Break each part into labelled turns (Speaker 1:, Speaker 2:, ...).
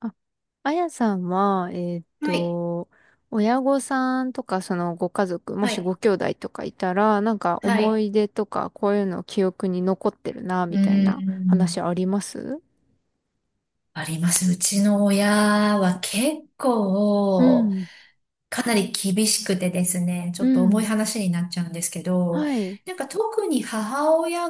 Speaker 1: あ、あやさんは、
Speaker 2: はい、
Speaker 1: 親御さんとか、そのご家族、も
Speaker 2: は
Speaker 1: しご
Speaker 2: い、
Speaker 1: 兄弟とかいたら、なんか
Speaker 2: は
Speaker 1: 思
Speaker 2: い。
Speaker 1: い出とか、こういうの記憶に残ってるな、
Speaker 2: う
Speaker 1: み
Speaker 2: ー
Speaker 1: たいな
Speaker 2: ん、
Speaker 1: 話あります？
Speaker 2: あります。うちの親は結
Speaker 1: う
Speaker 2: 構、
Speaker 1: ん、
Speaker 2: かなり厳しくてですね、ち
Speaker 1: う
Speaker 2: ょっと重
Speaker 1: ん、
Speaker 2: い話になっちゃうんですけど、
Speaker 1: はい。
Speaker 2: なんか特に母親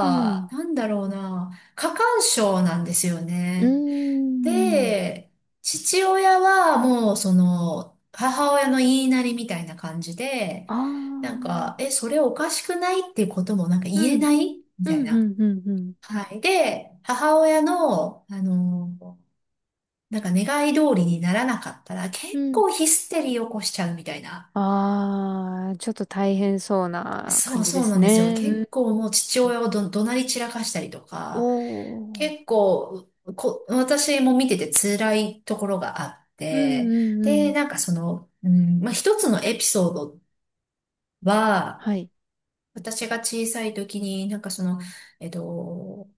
Speaker 1: うん、
Speaker 2: なんだろうな、過干渉なんですよ
Speaker 1: うー
Speaker 2: ね。
Speaker 1: ん、
Speaker 2: で、父親はもうその、母親の言いなりみたいな感じで、
Speaker 1: あ
Speaker 2: なんか、
Speaker 1: ー、
Speaker 2: え、それおかしくないっていうこともなんか言
Speaker 1: う
Speaker 2: え
Speaker 1: ん、
Speaker 2: ないみ
Speaker 1: う
Speaker 2: たい
Speaker 1: ん、
Speaker 2: な。
Speaker 1: うん、うん、
Speaker 2: はい。で、母親の、なんか願い通りにならなかったら結
Speaker 1: うん、うん。
Speaker 2: 構ヒステリー起こしちゃうみたいな。
Speaker 1: あー、ちょっと大変そうな
Speaker 2: そ
Speaker 1: 感
Speaker 2: う
Speaker 1: じで
Speaker 2: そう
Speaker 1: す
Speaker 2: なんですよ。
Speaker 1: ね。う
Speaker 2: 結
Speaker 1: ん。
Speaker 2: 構もう父親を怒鳴り散らかしたりと
Speaker 1: お
Speaker 2: か、結
Speaker 1: ー。
Speaker 2: 構、私も見てて辛いところがあっ
Speaker 1: うん、
Speaker 2: て、
Speaker 1: うん、う
Speaker 2: で、な
Speaker 1: ん。
Speaker 2: んかその、うん、まあ、一つのエピソードは、
Speaker 1: は
Speaker 2: 私が小さい時に、なんかその、えっと、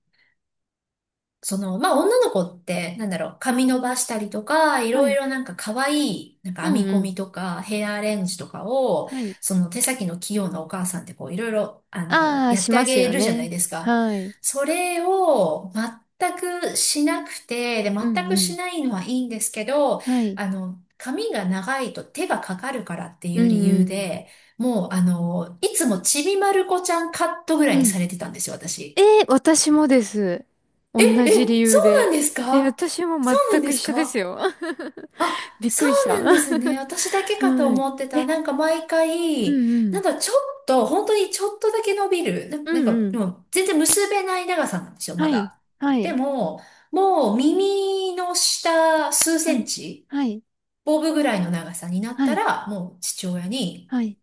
Speaker 2: その、まあ、女の子って、なんだろう、髪伸ばしたりとか、いろい
Speaker 1: い。
Speaker 2: ろなんか可愛い、なんか
Speaker 1: う
Speaker 2: 編
Speaker 1: ん
Speaker 2: み
Speaker 1: う
Speaker 2: 込
Speaker 1: ん。
Speaker 2: みとか、ヘアアレンジとかを、
Speaker 1: はい。
Speaker 2: その手先の器用なお母さんってこう、いろいろ、
Speaker 1: ああ、
Speaker 2: やっ
Speaker 1: し
Speaker 2: て
Speaker 1: ま
Speaker 2: あ
Speaker 1: す
Speaker 2: げ
Speaker 1: よ
Speaker 2: るじゃない
Speaker 1: ね。
Speaker 2: ですか。
Speaker 1: はい。
Speaker 2: それを全くしなくて、で、
Speaker 1: う
Speaker 2: 全
Speaker 1: ん
Speaker 2: く
Speaker 1: うん。
Speaker 2: しないのはいいんですけど、
Speaker 1: はい。
Speaker 2: 髪が長いと手がかかるからってい
Speaker 1: う
Speaker 2: う理由
Speaker 1: ん
Speaker 2: で、もう、いつもちびまる子ちゃんカットぐら
Speaker 1: う
Speaker 2: い
Speaker 1: ん。
Speaker 2: に
Speaker 1: うん。
Speaker 2: されてたんですよ、
Speaker 1: え
Speaker 2: 私。
Speaker 1: ー、私もです。
Speaker 2: え、
Speaker 1: 同じ理
Speaker 2: え、そ
Speaker 1: 由
Speaker 2: うな
Speaker 1: で。
Speaker 2: んです
Speaker 1: えー、
Speaker 2: か？
Speaker 1: 私も
Speaker 2: そうな
Speaker 1: 全
Speaker 2: んで
Speaker 1: く一
Speaker 2: す
Speaker 1: 緒です
Speaker 2: か？
Speaker 1: よ。
Speaker 2: あ、
Speaker 1: びっ
Speaker 2: そ
Speaker 1: くりし
Speaker 2: う
Speaker 1: た。
Speaker 2: なんで
Speaker 1: は
Speaker 2: すね。私だけかと思って
Speaker 1: い。
Speaker 2: た。
Speaker 1: え、
Speaker 2: なんか毎
Speaker 1: う
Speaker 2: 回、
Speaker 1: んう
Speaker 2: な
Speaker 1: ん。
Speaker 2: んかちょっと、本当にちょっとだけ伸びる。
Speaker 1: う
Speaker 2: なん
Speaker 1: ん
Speaker 2: か、
Speaker 1: う
Speaker 2: も
Speaker 1: ん。
Speaker 2: う全然結べない長さなんですよ、ま
Speaker 1: はい。
Speaker 2: だ。
Speaker 1: は
Speaker 2: で
Speaker 1: い。
Speaker 2: も、もう耳の下数セ
Speaker 1: は
Speaker 2: ン
Speaker 1: い。
Speaker 2: チ、
Speaker 1: はい。
Speaker 2: ボブぐらいの長さになっ
Speaker 1: は
Speaker 2: た
Speaker 1: い。
Speaker 2: ら、もう父親に、
Speaker 1: はい。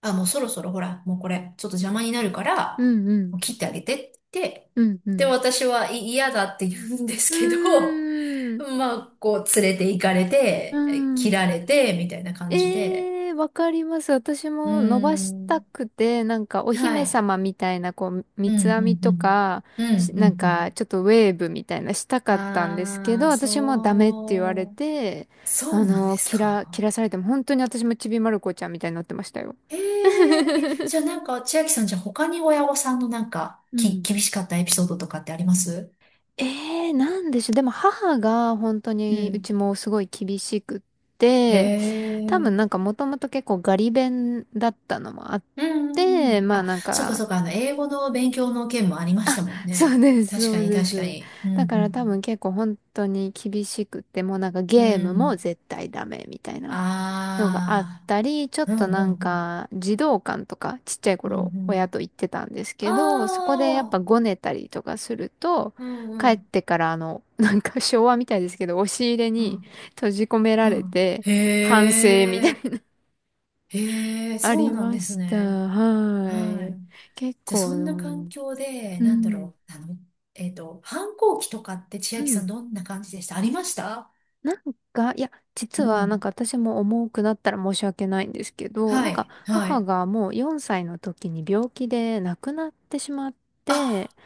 Speaker 2: あ、もうそろそろほら、もうこれ、ちょっと邪魔になるか
Speaker 1: う
Speaker 2: ら、
Speaker 1: んうん。
Speaker 2: もう切ってあげてって言って、
Speaker 1: うんう
Speaker 2: で、
Speaker 1: ん。
Speaker 2: 私はい嫌だって言うんですけ
Speaker 1: う
Speaker 2: ど、
Speaker 1: ーん。
Speaker 2: まあ、こう、連れて行かれ
Speaker 1: うー
Speaker 2: て、切
Speaker 1: ん。
Speaker 2: られて、みたいな感じで。
Speaker 1: ええ、わかります。私
Speaker 2: うー
Speaker 1: も伸ばした
Speaker 2: ん。
Speaker 1: くて、なんかお
Speaker 2: は
Speaker 1: 姫
Speaker 2: い。
Speaker 1: 様みたいな、こう、
Speaker 2: う
Speaker 1: 三
Speaker 2: ん、う
Speaker 1: つ編み
Speaker 2: ん、
Speaker 1: と
Speaker 2: うん。
Speaker 1: か、
Speaker 2: う
Speaker 1: し、
Speaker 2: ん、う
Speaker 1: なん
Speaker 2: ん、う
Speaker 1: か
Speaker 2: ん。
Speaker 1: ちょっとウェーブみたいなしたかったんですけ
Speaker 2: あ
Speaker 1: ど、
Speaker 2: あ、
Speaker 1: 私もダメって言われ
Speaker 2: そう。
Speaker 1: て、
Speaker 2: そうなんです
Speaker 1: 切ら、
Speaker 2: か？
Speaker 1: 切らされても、本当に私もちびまる子ちゃんみたいになってましたよ。
Speaker 2: ええ、え、じゃあなんか、千秋さん、じゃあ他に親御さんのなんか、
Speaker 1: うん。
Speaker 2: 厳しかったエピソードとかってあります？
Speaker 1: ええ、なんでしょう。でも母が本当
Speaker 2: う
Speaker 1: にう
Speaker 2: ん。
Speaker 1: ちもすごい厳しくっ
Speaker 2: へ
Speaker 1: て、
Speaker 2: え。
Speaker 1: 多
Speaker 2: う
Speaker 1: 分
Speaker 2: ん
Speaker 1: なんかもともと結構ガリ勉だったのもあっ
Speaker 2: うんう
Speaker 1: て、
Speaker 2: ん。
Speaker 1: まあ
Speaker 2: あ、
Speaker 1: なん
Speaker 2: そっか
Speaker 1: か、
Speaker 2: そっか、英語の勉強の件もありまし たもん
Speaker 1: そう
Speaker 2: ね。
Speaker 1: です、
Speaker 2: 確
Speaker 1: そ
Speaker 2: か
Speaker 1: う
Speaker 2: に
Speaker 1: で
Speaker 2: 確か
Speaker 1: す。
Speaker 2: に。う
Speaker 1: だから多分
Speaker 2: ん
Speaker 1: 結構本当に厳しくて、もうなんか
Speaker 2: うんう
Speaker 1: ゲー
Speaker 2: ん。
Speaker 1: ム
Speaker 2: う
Speaker 1: も
Speaker 2: ん、
Speaker 1: 絶対ダメみたいなのがあっ
Speaker 2: あ
Speaker 1: たり、ちょっ
Speaker 2: あ、うん
Speaker 1: と
Speaker 2: う
Speaker 1: なん
Speaker 2: んうん、
Speaker 1: か児童館とかちっちゃい
Speaker 2: うん
Speaker 1: 頃
Speaker 2: う
Speaker 1: 親
Speaker 2: ん。
Speaker 1: と行ってたんですけど、そこ
Speaker 2: あ
Speaker 1: でやっ
Speaker 2: あ、
Speaker 1: ぱごねたりとかすると、
Speaker 2: うんう
Speaker 1: 帰っ
Speaker 2: ん、
Speaker 1: てからなんか昭和みたいですけど、押し入れ
Speaker 2: う
Speaker 1: に
Speaker 2: ん、
Speaker 1: 閉じ込め
Speaker 2: う
Speaker 1: られ
Speaker 2: ん。
Speaker 1: て、
Speaker 2: へ
Speaker 1: 反省みたい
Speaker 2: え、
Speaker 1: な、
Speaker 2: へえ、
Speaker 1: あ
Speaker 2: そう
Speaker 1: り
Speaker 2: なん
Speaker 1: ま
Speaker 2: です
Speaker 1: した。
Speaker 2: ね。
Speaker 1: は
Speaker 2: はい。
Speaker 1: い。結
Speaker 2: じゃあ、
Speaker 1: 構、
Speaker 2: そんな環境で、
Speaker 1: う
Speaker 2: なんだ
Speaker 1: ん。
Speaker 2: ろう、反抗期とかって千
Speaker 1: う
Speaker 2: 秋さ
Speaker 1: ん。
Speaker 2: んどんな感じでした？ありました？
Speaker 1: なんか、いや、実
Speaker 2: う
Speaker 1: はなん
Speaker 2: ん。
Speaker 1: か私も重くなったら申し訳ないんですけど、
Speaker 2: は
Speaker 1: なんか
Speaker 2: い、は
Speaker 1: 母
Speaker 2: い。
Speaker 1: がもう4歳の時に病気で亡くなってしまって、
Speaker 2: あ、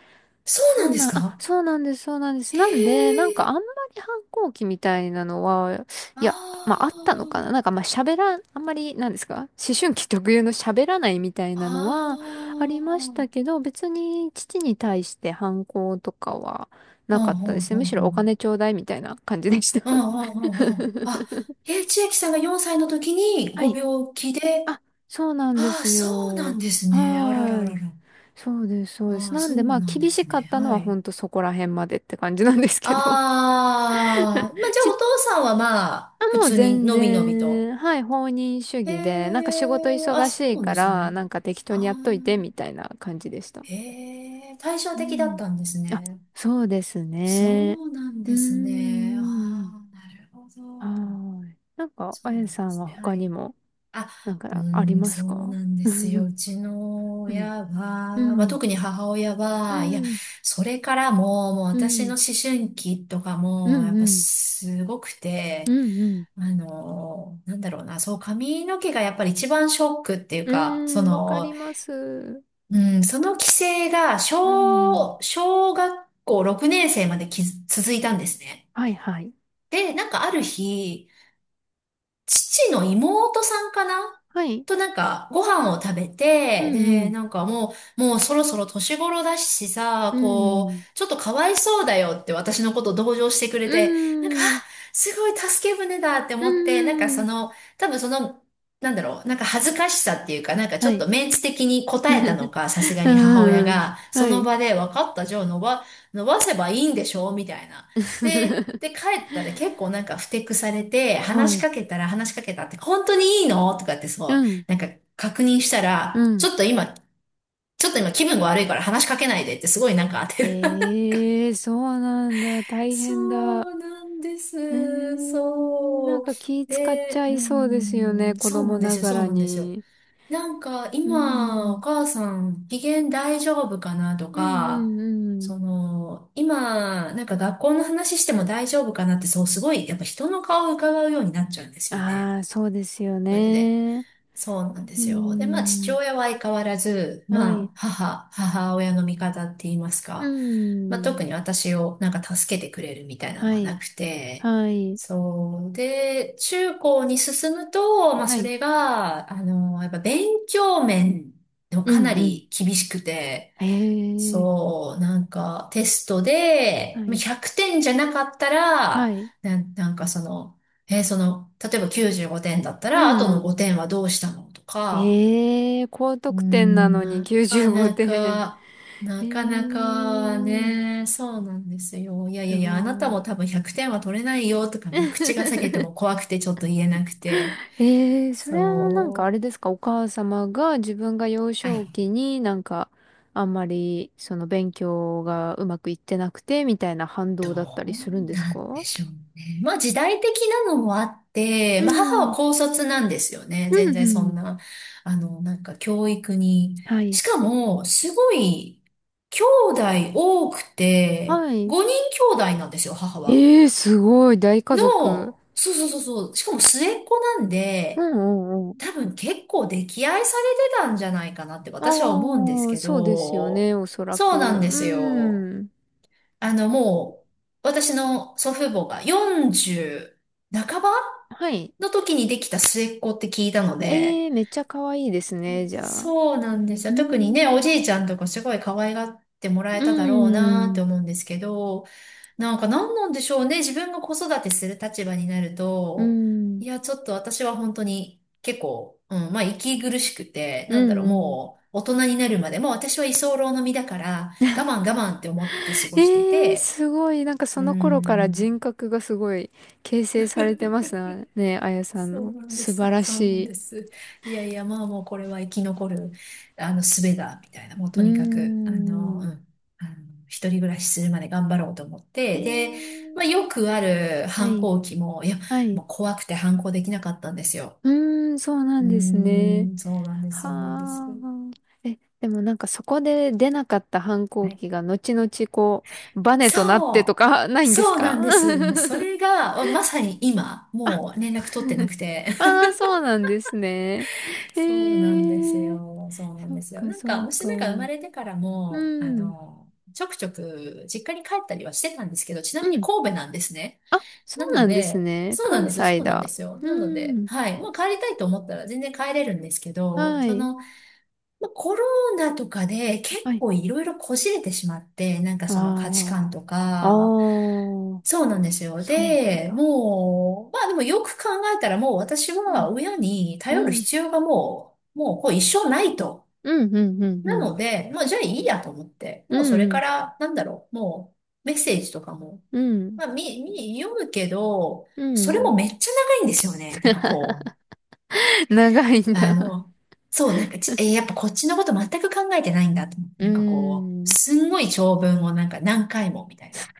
Speaker 2: そうな
Speaker 1: そ
Speaker 2: ん
Speaker 1: う
Speaker 2: です
Speaker 1: なん、あ、
Speaker 2: か？
Speaker 1: そうなんです、そうなんです。
Speaker 2: へ
Speaker 1: なんで、なんかあん
Speaker 2: え、
Speaker 1: まり反抗期みたいなのは、いや、まああ
Speaker 2: あ
Speaker 1: ったのかな。なんかまあ喋らん、あんまり、なんですか、思春期特有の喋らないみたい
Speaker 2: あ、
Speaker 1: なのはあり
Speaker 2: ああ、
Speaker 1: まし
Speaker 2: う
Speaker 1: た
Speaker 2: ん
Speaker 1: けど、別に父に対して反抗とかはな
Speaker 2: うん
Speaker 1: かったで
Speaker 2: うん
Speaker 1: すね。むしろ
Speaker 2: う
Speaker 1: お
Speaker 2: ん。
Speaker 1: 金ちょうだいみたいな感じでした。
Speaker 2: うんうんうんうん。あ、え、千秋さんが4歳の時に
Speaker 1: は
Speaker 2: ご
Speaker 1: い。
Speaker 2: 病気で、
Speaker 1: あ、そうなんで
Speaker 2: ああ、
Speaker 1: す
Speaker 2: そうな
Speaker 1: よ。
Speaker 2: んです
Speaker 1: は
Speaker 2: ね。あらら
Speaker 1: ー
Speaker 2: ら
Speaker 1: い。
Speaker 2: ら。
Speaker 1: そうです、そうで
Speaker 2: あ
Speaker 1: す。
Speaker 2: あ、
Speaker 1: なん
Speaker 2: そ
Speaker 1: で、ま
Speaker 2: う
Speaker 1: あ、
Speaker 2: なんで
Speaker 1: 厳し
Speaker 2: す
Speaker 1: か
Speaker 2: ね。
Speaker 1: ったの
Speaker 2: は
Speaker 1: は、
Speaker 2: い。
Speaker 1: ほんとそこら辺までって感じなんです
Speaker 2: あ
Speaker 1: けど。
Speaker 2: あ、まあ、じゃあお父さんはまあ、
Speaker 1: あ、
Speaker 2: 普
Speaker 1: もう
Speaker 2: 通に
Speaker 1: 全
Speaker 2: のびのびと。
Speaker 1: 然、はい、放任主
Speaker 2: へ
Speaker 1: 義で、なんか仕事
Speaker 2: え、あ、
Speaker 1: 忙し
Speaker 2: そう
Speaker 1: い
Speaker 2: なん
Speaker 1: か
Speaker 2: です
Speaker 1: ら、
Speaker 2: ね。
Speaker 1: なんか適当
Speaker 2: あ
Speaker 1: にやっ
Speaker 2: あ、
Speaker 1: といて、みたいな感じでした。
Speaker 2: へえ、対照
Speaker 1: う
Speaker 2: 的だっ
Speaker 1: ん。
Speaker 2: たんです
Speaker 1: あ、
Speaker 2: ね。
Speaker 1: そうです
Speaker 2: そ
Speaker 1: ね。
Speaker 2: うなん
Speaker 1: うー
Speaker 2: ですね。あ
Speaker 1: ん。
Speaker 2: あ、なるほ
Speaker 1: は
Speaker 2: ど。
Speaker 1: ーい。なんか、あ
Speaker 2: そう
Speaker 1: や
Speaker 2: なん
Speaker 1: さ
Speaker 2: で
Speaker 1: ん
Speaker 2: す
Speaker 1: は
Speaker 2: ね。は
Speaker 1: 他に
Speaker 2: い。
Speaker 1: も、
Speaker 2: あ、
Speaker 1: なん
Speaker 2: うー
Speaker 1: かあり
Speaker 2: ん、
Speaker 1: ま
Speaker 2: そ
Speaker 1: す
Speaker 2: うな
Speaker 1: か？
Speaker 2: ん で
Speaker 1: う
Speaker 2: すよ。
Speaker 1: ん。
Speaker 2: うちの
Speaker 1: うん。
Speaker 2: 親
Speaker 1: う
Speaker 2: は、まあ、
Speaker 1: ん。
Speaker 2: 特に母親
Speaker 1: う
Speaker 2: は、いや、
Speaker 1: ん。
Speaker 2: それからも、もう
Speaker 1: う
Speaker 2: 私の
Speaker 1: ん。
Speaker 2: 思春期とか
Speaker 1: う
Speaker 2: も、や
Speaker 1: ん。
Speaker 2: っぱ
Speaker 1: うん。
Speaker 2: すごく
Speaker 1: う
Speaker 2: て、
Speaker 1: ん。うん。
Speaker 2: なんだろうな、そう、髪の毛がやっぱり一番ショックっていう
Speaker 1: う
Speaker 2: か、そ
Speaker 1: ーん、わか
Speaker 2: の、
Speaker 1: ります。
Speaker 2: うん、その規制が、
Speaker 1: うん。
Speaker 2: 小学校6年生まできず続いたんですね。
Speaker 1: はいはい。
Speaker 2: で、なんかある日、父の妹さんかな
Speaker 1: はい。
Speaker 2: となんか、ご飯を食べ
Speaker 1: う
Speaker 2: て、
Speaker 1: んう
Speaker 2: で、
Speaker 1: ん。
Speaker 2: なんかもう、もうそろそろ年頃だしさ、
Speaker 1: うんう
Speaker 2: こ
Speaker 1: ん。
Speaker 2: う、ちょっとかわいそうだよって私のこと同情してく
Speaker 1: う
Speaker 2: れて、なんか、あ、
Speaker 1: ーん、う
Speaker 2: すごい助け舟だって
Speaker 1: ー
Speaker 2: 思って、なんかそ
Speaker 1: ん、
Speaker 2: の、多分その、なんだろう、なんか恥ずかしさっていうか、なんかち
Speaker 1: は
Speaker 2: ょっ
Speaker 1: い。
Speaker 2: とメンツ的に答えたの
Speaker 1: う
Speaker 2: か、さすがに母親
Speaker 1: ーん、
Speaker 2: が、そ
Speaker 1: は
Speaker 2: の
Speaker 1: い。
Speaker 2: 場で分かった、じゃあ伸ばせばいいんでしょみたいな。で、帰ったら結構なんかふてくされて、
Speaker 1: は
Speaker 2: 話し
Speaker 1: い。
Speaker 2: かけたら話しかけたって、本当にいいのとかってそ
Speaker 1: う
Speaker 2: う、
Speaker 1: ん、
Speaker 2: なんか確認した
Speaker 1: う
Speaker 2: ら、
Speaker 1: ん。
Speaker 2: ちょっと今気分が悪いから話しかけないでってすごいなんか当てる。
Speaker 1: ええー、そうなんだ。大
Speaker 2: そ
Speaker 1: 変だ。
Speaker 2: うなんで
Speaker 1: ええ
Speaker 2: す。
Speaker 1: ー、なん
Speaker 2: そう。
Speaker 1: か気使っち
Speaker 2: で、
Speaker 1: ゃ
Speaker 2: う
Speaker 1: いそうですよね。
Speaker 2: ん、
Speaker 1: 子
Speaker 2: そうな
Speaker 1: 供
Speaker 2: んで
Speaker 1: な
Speaker 2: すよ、
Speaker 1: が
Speaker 2: そう
Speaker 1: ら
Speaker 2: なんですよ。
Speaker 1: に。
Speaker 2: なんか
Speaker 1: う
Speaker 2: 今お
Speaker 1: ん、
Speaker 2: 母さん機嫌大丈夫かなと
Speaker 1: うん、う
Speaker 2: か、
Speaker 1: ん、うん。
Speaker 2: その今なんか学校の話しても大丈夫かなってそうすごいやっぱ人の顔を伺うようになっちゃうんですよね。
Speaker 1: ああ、そうですよ
Speaker 2: それで。
Speaker 1: ね。
Speaker 2: そうなんで
Speaker 1: う
Speaker 2: すよ。で、まあ、父
Speaker 1: ん、
Speaker 2: 親は相変わらず、
Speaker 1: は
Speaker 2: ま
Speaker 1: い。
Speaker 2: あ、母親の味方って言います
Speaker 1: う
Speaker 2: か、まあ、特
Speaker 1: ん、
Speaker 2: に私をなんか助けてくれるみたいなの
Speaker 1: は
Speaker 2: はな
Speaker 1: い、
Speaker 2: くて、
Speaker 1: はい、
Speaker 2: そう。で、中高に進むと、まあ、
Speaker 1: は
Speaker 2: そ
Speaker 1: い。
Speaker 2: れが、やっぱ勉強面でも
Speaker 1: う
Speaker 2: かな
Speaker 1: ん、うん。
Speaker 2: り厳しくて、
Speaker 1: ええー、
Speaker 2: そう、なんかテストで、
Speaker 1: は
Speaker 2: まあ
Speaker 1: い。
Speaker 2: 100点じゃなかった
Speaker 1: は
Speaker 2: ら、
Speaker 1: い。
Speaker 2: なんかその、例えば95点だった
Speaker 1: う
Speaker 2: ら、あと
Speaker 1: んう
Speaker 2: の
Speaker 1: ん。
Speaker 2: 5点はどうしたのとか、
Speaker 1: ええ、高
Speaker 2: うー
Speaker 1: 得点な
Speaker 2: ん、
Speaker 1: のに95点。え
Speaker 2: なかなか
Speaker 1: え、
Speaker 2: ね、そうなんですよ。いやいや
Speaker 1: す
Speaker 2: いや、あなた
Speaker 1: ご
Speaker 2: も
Speaker 1: い。
Speaker 2: 多分100点は取れないよとか、もう口が裂けて も怖くてちょっと言えなくて、
Speaker 1: ええ、それはなんかあ
Speaker 2: そ
Speaker 1: れですか、お母様が自分が幼
Speaker 2: う。は
Speaker 1: 少
Speaker 2: い、
Speaker 1: 期になんかあんまりその勉強がうまくいってなくてみたいな反
Speaker 2: ど
Speaker 1: 動だったりするん
Speaker 2: う
Speaker 1: です
Speaker 2: なんで
Speaker 1: か？
Speaker 2: しょうね。まあ時代的なのもあって、
Speaker 1: う
Speaker 2: まあ母は
Speaker 1: ん。
Speaker 2: 高卒なんですよね。
Speaker 1: う
Speaker 2: 全
Speaker 1: んう
Speaker 2: 然そん
Speaker 1: ん。
Speaker 2: な、なんか教育に。
Speaker 1: はい。
Speaker 2: しかも、すごい、兄弟多くて、
Speaker 1: はい。
Speaker 2: 5人兄弟なんですよ、母は。
Speaker 1: ええ、すごい、大家族。
Speaker 2: そうそうそうそう、しかも末っ子なん
Speaker 1: う
Speaker 2: で、
Speaker 1: んうん、
Speaker 2: 多分結構溺愛されてたんじゃないかなって私は思うんです
Speaker 1: ああ、
Speaker 2: け
Speaker 1: そうですよね、
Speaker 2: ど、
Speaker 1: おそら
Speaker 2: そ
Speaker 1: く。
Speaker 2: うなんですよ。
Speaker 1: うん。
Speaker 2: もう、私の祖父母が40半ば
Speaker 1: はい。
Speaker 2: の時にできた末っ子って聞いたので、
Speaker 1: ええ、めっちゃ可愛いですね、じゃあ。
Speaker 2: そうなんですよ。
Speaker 1: う
Speaker 2: 特にね、お
Speaker 1: ん。
Speaker 2: じいちゃんとかすごい可愛がってもらえ
Speaker 1: う
Speaker 2: ただろうなって
Speaker 1: ん。
Speaker 2: 思うんですけど、なんか何なんでしょうね。自分が子育てする立場になる
Speaker 1: う
Speaker 2: と、
Speaker 1: ん。
Speaker 2: いや、ちょっと私は本当に結構、うん、まあ息苦しくて、
Speaker 1: う
Speaker 2: なんだ
Speaker 1: ん
Speaker 2: ろう、
Speaker 1: うん。
Speaker 2: もう大人になるまでもう私は居候の身だから、我慢我慢って思って過ごして
Speaker 1: ええ、
Speaker 2: て、
Speaker 1: すごい。なんかそ
Speaker 2: う
Speaker 1: の頃から
Speaker 2: ん。
Speaker 1: 人格がすごい形成されてますね、あやさん
Speaker 2: そう
Speaker 1: の。
Speaker 2: なんで
Speaker 1: 素晴
Speaker 2: す。
Speaker 1: ら
Speaker 2: そ
Speaker 1: し
Speaker 2: うなんで
Speaker 1: い。
Speaker 2: す。いやいや、まあもうこれは生き残る、術だ、みたいな。もう
Speaker 1: うー
Speaker 2: とにかく、う
Speaker 1: ん。
Speaker 2: ん。あの、一人暮らしするまで頑張ろうと思っ
Speaker 1: え
Speaker 2: て。で、まあ
Speaker 1: え、
Speaker 2: よくある
Speaker 1: は
Speaker 2: 反
Speaker 1: い。
Speaker 2: 抗期も、いや、
Speaker 1: はい。
Speaker 2: もう怖くて反抗できなかったんですよ。
Speaker 1: うーん、そうな
Speaker 2: うー
Speaker 1: んですね。
Speaker 2: ん、そうなんです、
Speaker 1: は
Speaker 2: そうなんです。
Speaker 1: あ。え、でもなんかそこで出なかった反抗
Speaker 2: はい。
Speaker 1: 期が後々こう、バネとなってと
Speaker 2: そ
Speaker 1: か、 な
Speaker 2: う、
Speaker 1: いんです
Speaker 2: そうな
Speaker 1: か？
Speaker 2: ん です。もうそれが、まさに今、
Speaker 1: あ、
Speaker 2: もう連絡取ってなくて。
Speaker 1: あー、そうなんですね。え
Speaker 2: そうなんです
Speaker 1: ー、
Speaker 2: よ。そうなん
Speaker 1: そっ
Speaker 2: ですよ。
Speaker 1: か
Speaker 2: なんか、
Speaker 1: そっか。
Speaker 2: 娘が生ま
Speaker 1: う
Speaker 2: れてからも、
Speaker 1: ん、
Speaker 2: ちょくちょく実家に帰ったりはしてたんですけど、ちな
Speaker 1: う
Speaker 2: みに
Speaker 1: ん。
Speaker 2: 神戸なんですね。
Speaker 1: あ、そ
Speaker 2: な
Speaker 1: う
Speaker 2: の
Speaker 1: なんです
Speaker 2: で、
Speaker 1: ね。
Speaker 2: そうなん
Speaker 1: 関
Speaker 2: ですよ。
Speaker 1: 西
Speaker 2: そうなんで
Speaker 1: だ。
Speaker 2: すよ。
Speaker 1: う
Speaker 2: なので、
Speaker 1: ん。
Speaker 2: はい。まあ、帰りたいと思ったら全然帰れるんですけど、
Speaker 1: は
Speaker 2: そ
Speaker 1: い。
Speaker 2: の、まあ、コロナとかで結
Speaker 1: はい。
Speaker 2: 構いろいろこじれてしまって、なんかその価値観
Speaker 1: あ
Speaker 2: と
Speaker 1: あ。ああ、
Speaker 2: か、そうなんですよ。
Speaker 1: そうなん
Speaker 2: で、
Speaker 1: だ。
Speaker 2: もう、まあでもよく考えたらもう私
Speaker 1: うん。
Speaker 2: は親に
Speaker 1: う
Speaker 2: 頼る
Speaker 1: ん。
Speaker 2: 必要がもう、もうこう一生ないと。
Speaker 1: うん、うん、うん、う
Speaker 2: な
Speaker 1: ん。
Speaker 2: ので、もうじゃあいいやと思って、
Speaker 1: う
Speaker 2: もうそれ
Speaker 1: ん、う
Speaker 2: か
Speaker 1: ん。
Speaker 2: ら、なんだろう、もうメッセージとかも、
Speaker 1: うん
Speaker 2: まあ読むけど、
Speaker 1: う
Speaker 2: それ
Speaker 1: ん。
Speaker 2: もめっちゃ長いんですよね。なんかこう、
Speaker 1: 長いん
Speaker 2: あ
Speaker 1: だ。
Speaker 2: の、そう、なんかち、えーやっぱこっちのこと全く考えてないんだと思って、
Speaker 1: う
Speaker 2: なんかこう、
Speaker 1: ん。
Speaker 2: すんごい長文をなんか何回もみたいな。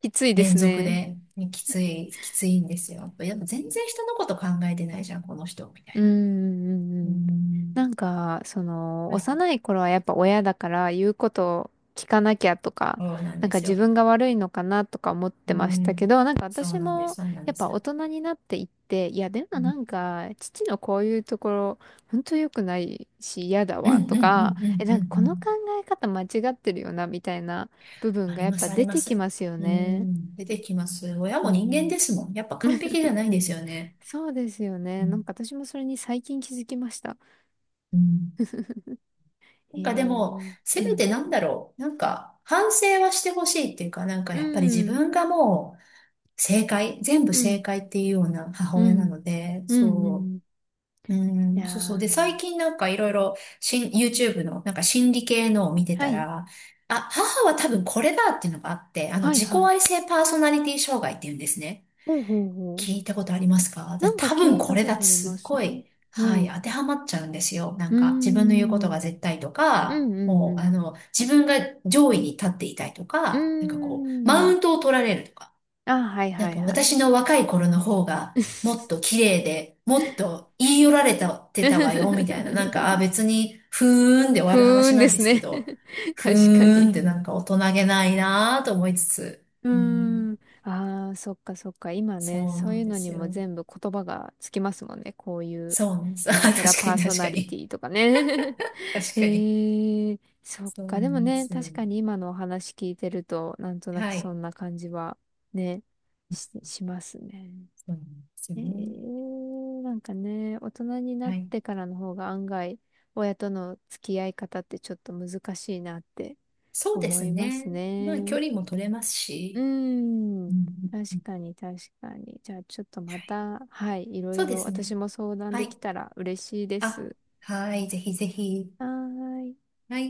Speaker 1: きついで
Speaker 2: 連
Speaker 1: す
Speaker 2: 続
Speaker 1: ね。
Speaker 2: で、ね、きつい、きついんですよ。やっぱ全然人のこと考えてないじゃん、この人、みた
Speaker 1: うん
Speaker 2: い
Speaker 1: うんう
Speaker 2: な。う
Speaker 1: んうん、な
Speaker 2: ん。
Speaker 1: んか、その、
Speaker 2: はい。
Speaker 1: 幼い頃はやっぱ親だから言うことを聞かなきゃとか、
Speaker 2: そうなん
Speaker 1: なん
Speaker 2: で
Speaker 1: か
Speaker 2: す
Speaker 1: 自
Speaker 2: よ。
Speaker 1: 分が悪いのかなとか思っ
Speaker 2: う
Speaker 1: てましたけ
Speaker 2: ん。
Speaker 1: ど、なんか
Speaker 2: そう
Speaker 1: 私
Speaker 2: なんです、
Speaker 1: も
Speaker 2: そうなん
Speaker 1: や
Speaker 2: で
Speaker 1: っぱ
Speaker 2: す。
Speaker 1: 大人になっていって、いやでも
Speaker 2: う
Speaker 1: な
Speaker 2: ん、
Speaker 1: んか、父のこういうところ、ほんと良くないし嫌だ
Speaker 2: うん、う
Speaker 1: わ
Speaker 2: ん、
Speaker 1: と
Speaker 2: う
Speaker 1: か、
Speaker 2: ん、
Speaker 1: え、
Speaker 2: うん、
Speaker 1: な
Speaker 2: う
Speaker 1: んかこの考
Speaker 2: ん。
Speaker 1: え方間違ってるよなみたいな部分
Speaker 2: あ
Speaker 1: が
Speaker 2: り
Speaker 1: やっ
Speaker 2: ま
Speaker 1: ぱ
Speaker 2: す、あ
Speaker 1: 出
Speaker 2: りま
Speaker 1: てき
Speaker 2: す。
Speaker 1: ますよ
Speaker 2: う
Speaker 1: ね。
Speaker 2: ん。出てきます。親
Speaker 1: う
Speaker 2: も人間
Speaker 1: ん。
Speaker 2: ですもん。やっぱ完璧 じゃないんですよね。
Speaker 1: そうですよ
Speaker 2: う
Speaker 1: ね。なん
Speaker 2: ん。
Speaker 1: か私もそれに最近気づきました。
Speaker 2: うん。な
Speaker 1: へ
Speaker 2: ん
Speaker 1: え。う
Speaker 2: かでも、せめ
Speaker 1: ん。
Speaker 2: てなんだろう。なんか、反省はしてほしいっていうか、なんか
Speaker 1: う
Speaker 2: やっぱり自
Speaker 1: ん。
Speaker 2: 分がもう、正解、全部
Speaker 1: うん。
Speaker 2: 正解っていうような母
Speaker 1: う
Speaker 2: 親な
Speaker 1: ん。
Speaker 2: ので、
Speaker 1: うん。う
Speaker 2: そ
Speaker 1: ん、
Speaker 2: う、う
Speaker 1: い
Speaker 2: ん、
Speaker 1: や
Speaker 2: そうそう。で、最
Speaker 1: ー。
Speaker 2: 近なんかいろいろ、YouTube のなんか心理系のを見て
Speaker 1: は
Speaker 2: た
Speaker 1: い。
Speaker 2: ら、あ、母は多分これだっていうのがあって、
Speaker 1: はい
Speaker 2: 自己
Speaker 1: はい。
Speaker 2: 愛性パーソナリティ障害っていうんですね。
Speaker 1: ほうほうほう。
Speaker 2: 聞いたことありますか？で、
Speaker 1: なんか
Speaker 2: 多
Speaker 1: 聞
Speaker 2: 分
Speaker 1: い
Speaker 2: こ
Speaker 1: た
Speaker 2: れ
Speaker 1: こ
Speaker 2: だっ
Speaker 1: と
Speaker 2: て
Speaker 1: ありま
Speaker 2: すっ
Speaker 1: す
Speaker 2: ご
Speaker 1: ね。
Speaker 2: い、
Speaker 1: は
Speaker 2: はい、
Speaker 1: い。
Speaker 2: 当てはまっちゃうんですよ。な
Speaker 1: う
Speaker 2: ん
Speaker 1: ー
Speaker 2: か、自分の言うこと
Speaker 1: ん。
Speaker 2: が絶対と
Speaker 1: うん
Speaker 2: か、
Speaker 1: う
Speaker 2: もう、
Speaker 1: んう
Speaker 2: 自分が上位に立っていたいとか、なんかこう、マ
Speaker 1: ん。うー
Speaker 2: ウン
Speaker 1: ん。
Speaker 2: トを取られるとか。
Speaker 1: あ、はい
Speaker 2: な
Speaker 1: は
Speaker 2: ん
Speaker 1: い
Speaker 2: か
Speaker 1: は
Speaker 2: 私
Speaker 1: い。
Speaker 2: の若い頃の方がもっと綺麗で、もっと言い寄られたってたわよ、みたいな。なんか、あ、別に、ふーんで終
Speaker 1: ふ
Speaker 2: わる
Speaker 1: ー
Speaker 2: 話
Speaker 1: ん
Speaker 2: な
Speaker 1: で
Speaker 2: んで
Speaker 1: す
Speaker 2: すけ
Speaker 1: ね。
Speaker 2: ど、ふ
Speaker 1: 確か
Speaker 2: ーんって
Speaker 1: に、
Speaker 2: なんか大人げないなぁと思いつつ、
Speaker 1: う
Speaker 2: うん、
Speaker 1: ーん。ああ、そっかそっか。今ね、
Speaker 2: そう
Speaker 1: そ
Speaker 2: な
Speaker 1: う
Speaker 2: ん
Speaker 1: いう
Speaker 2: で
Speaker 1: のに
Speaker 2: す
Speaker 1: も
Speaker 2: よ。
Speaker 1: 全部言葉がつきますもんね。こういう、
Speaker 2: そうなんです。あ、
Speaker 1: なん
Speaker 2: 確
Speaker 1: ちゃら
Speaker 2: か
Speaker 1: パー
Speaker 2: に
Speaker 1: ソ
Speaker 2: 確
Speaker 1: ナ
Speaker 2: か
Speaker 1: リテ
Speaker 2: に。
Speaker 1: ィとかね。
Speaker 2: 確
Speaker 1: え
Speaker 2: かに。
Speaker 1: ー、そっ
Speaker 2: そうな
Speaker 1: か。でも
Speaker 2: んで
Speaker 1: ね、
Speaker 2: すよ。
Speaker 1: 確かに今のお話聞いてると、なんとなく
Speaker 2: は
Speaker 1: そ
Speaker 2: い。
Speaker 1: んな感じは、ね、し、しますね。
Speaker 2: そうなんですよ
Speaker 1: え
Speaker 2: ね。
Speaker 1: ー、なんかね、大人になっ
Speaker 2: はい。
Speaker 1: てからの方が案外、親との付き合い方ってちょっと難しいなって
Speaker 2: そうで
Speaker 1: 思
Speaker 2: す
Speaker 1: います
Speaker 2: ね。まあ、距
Speaker 1: ね。
Speaker 2: 離も取れます
Speaker 1: うー
Speaker 2: し。う
Speaker 1: ん。
Speaker 2: ん、うん、
Speaker 1: 確
Speaker 2: うん、
Speaker 1: かに、確かに。じゃあ、ちょっとま
Speaker 2: はい。
Speaker 1: た、はい、いろ
Speaker 2: そ
Speaker 1: い
Speaker 2: うで
Speaker 1: ろ
Speaker 2: すね。
Speaker 1: 私も相談
Speaker 2: は
Speaker 1: でき
Speaker 2: い。
Speaker 1: たら嬉しいで
Speaker 2: あ、
Speaker 1: す。
Speaker 2: はい、ぜひぜひ。
Speaker 1: はーい。
Speaker 2: はい。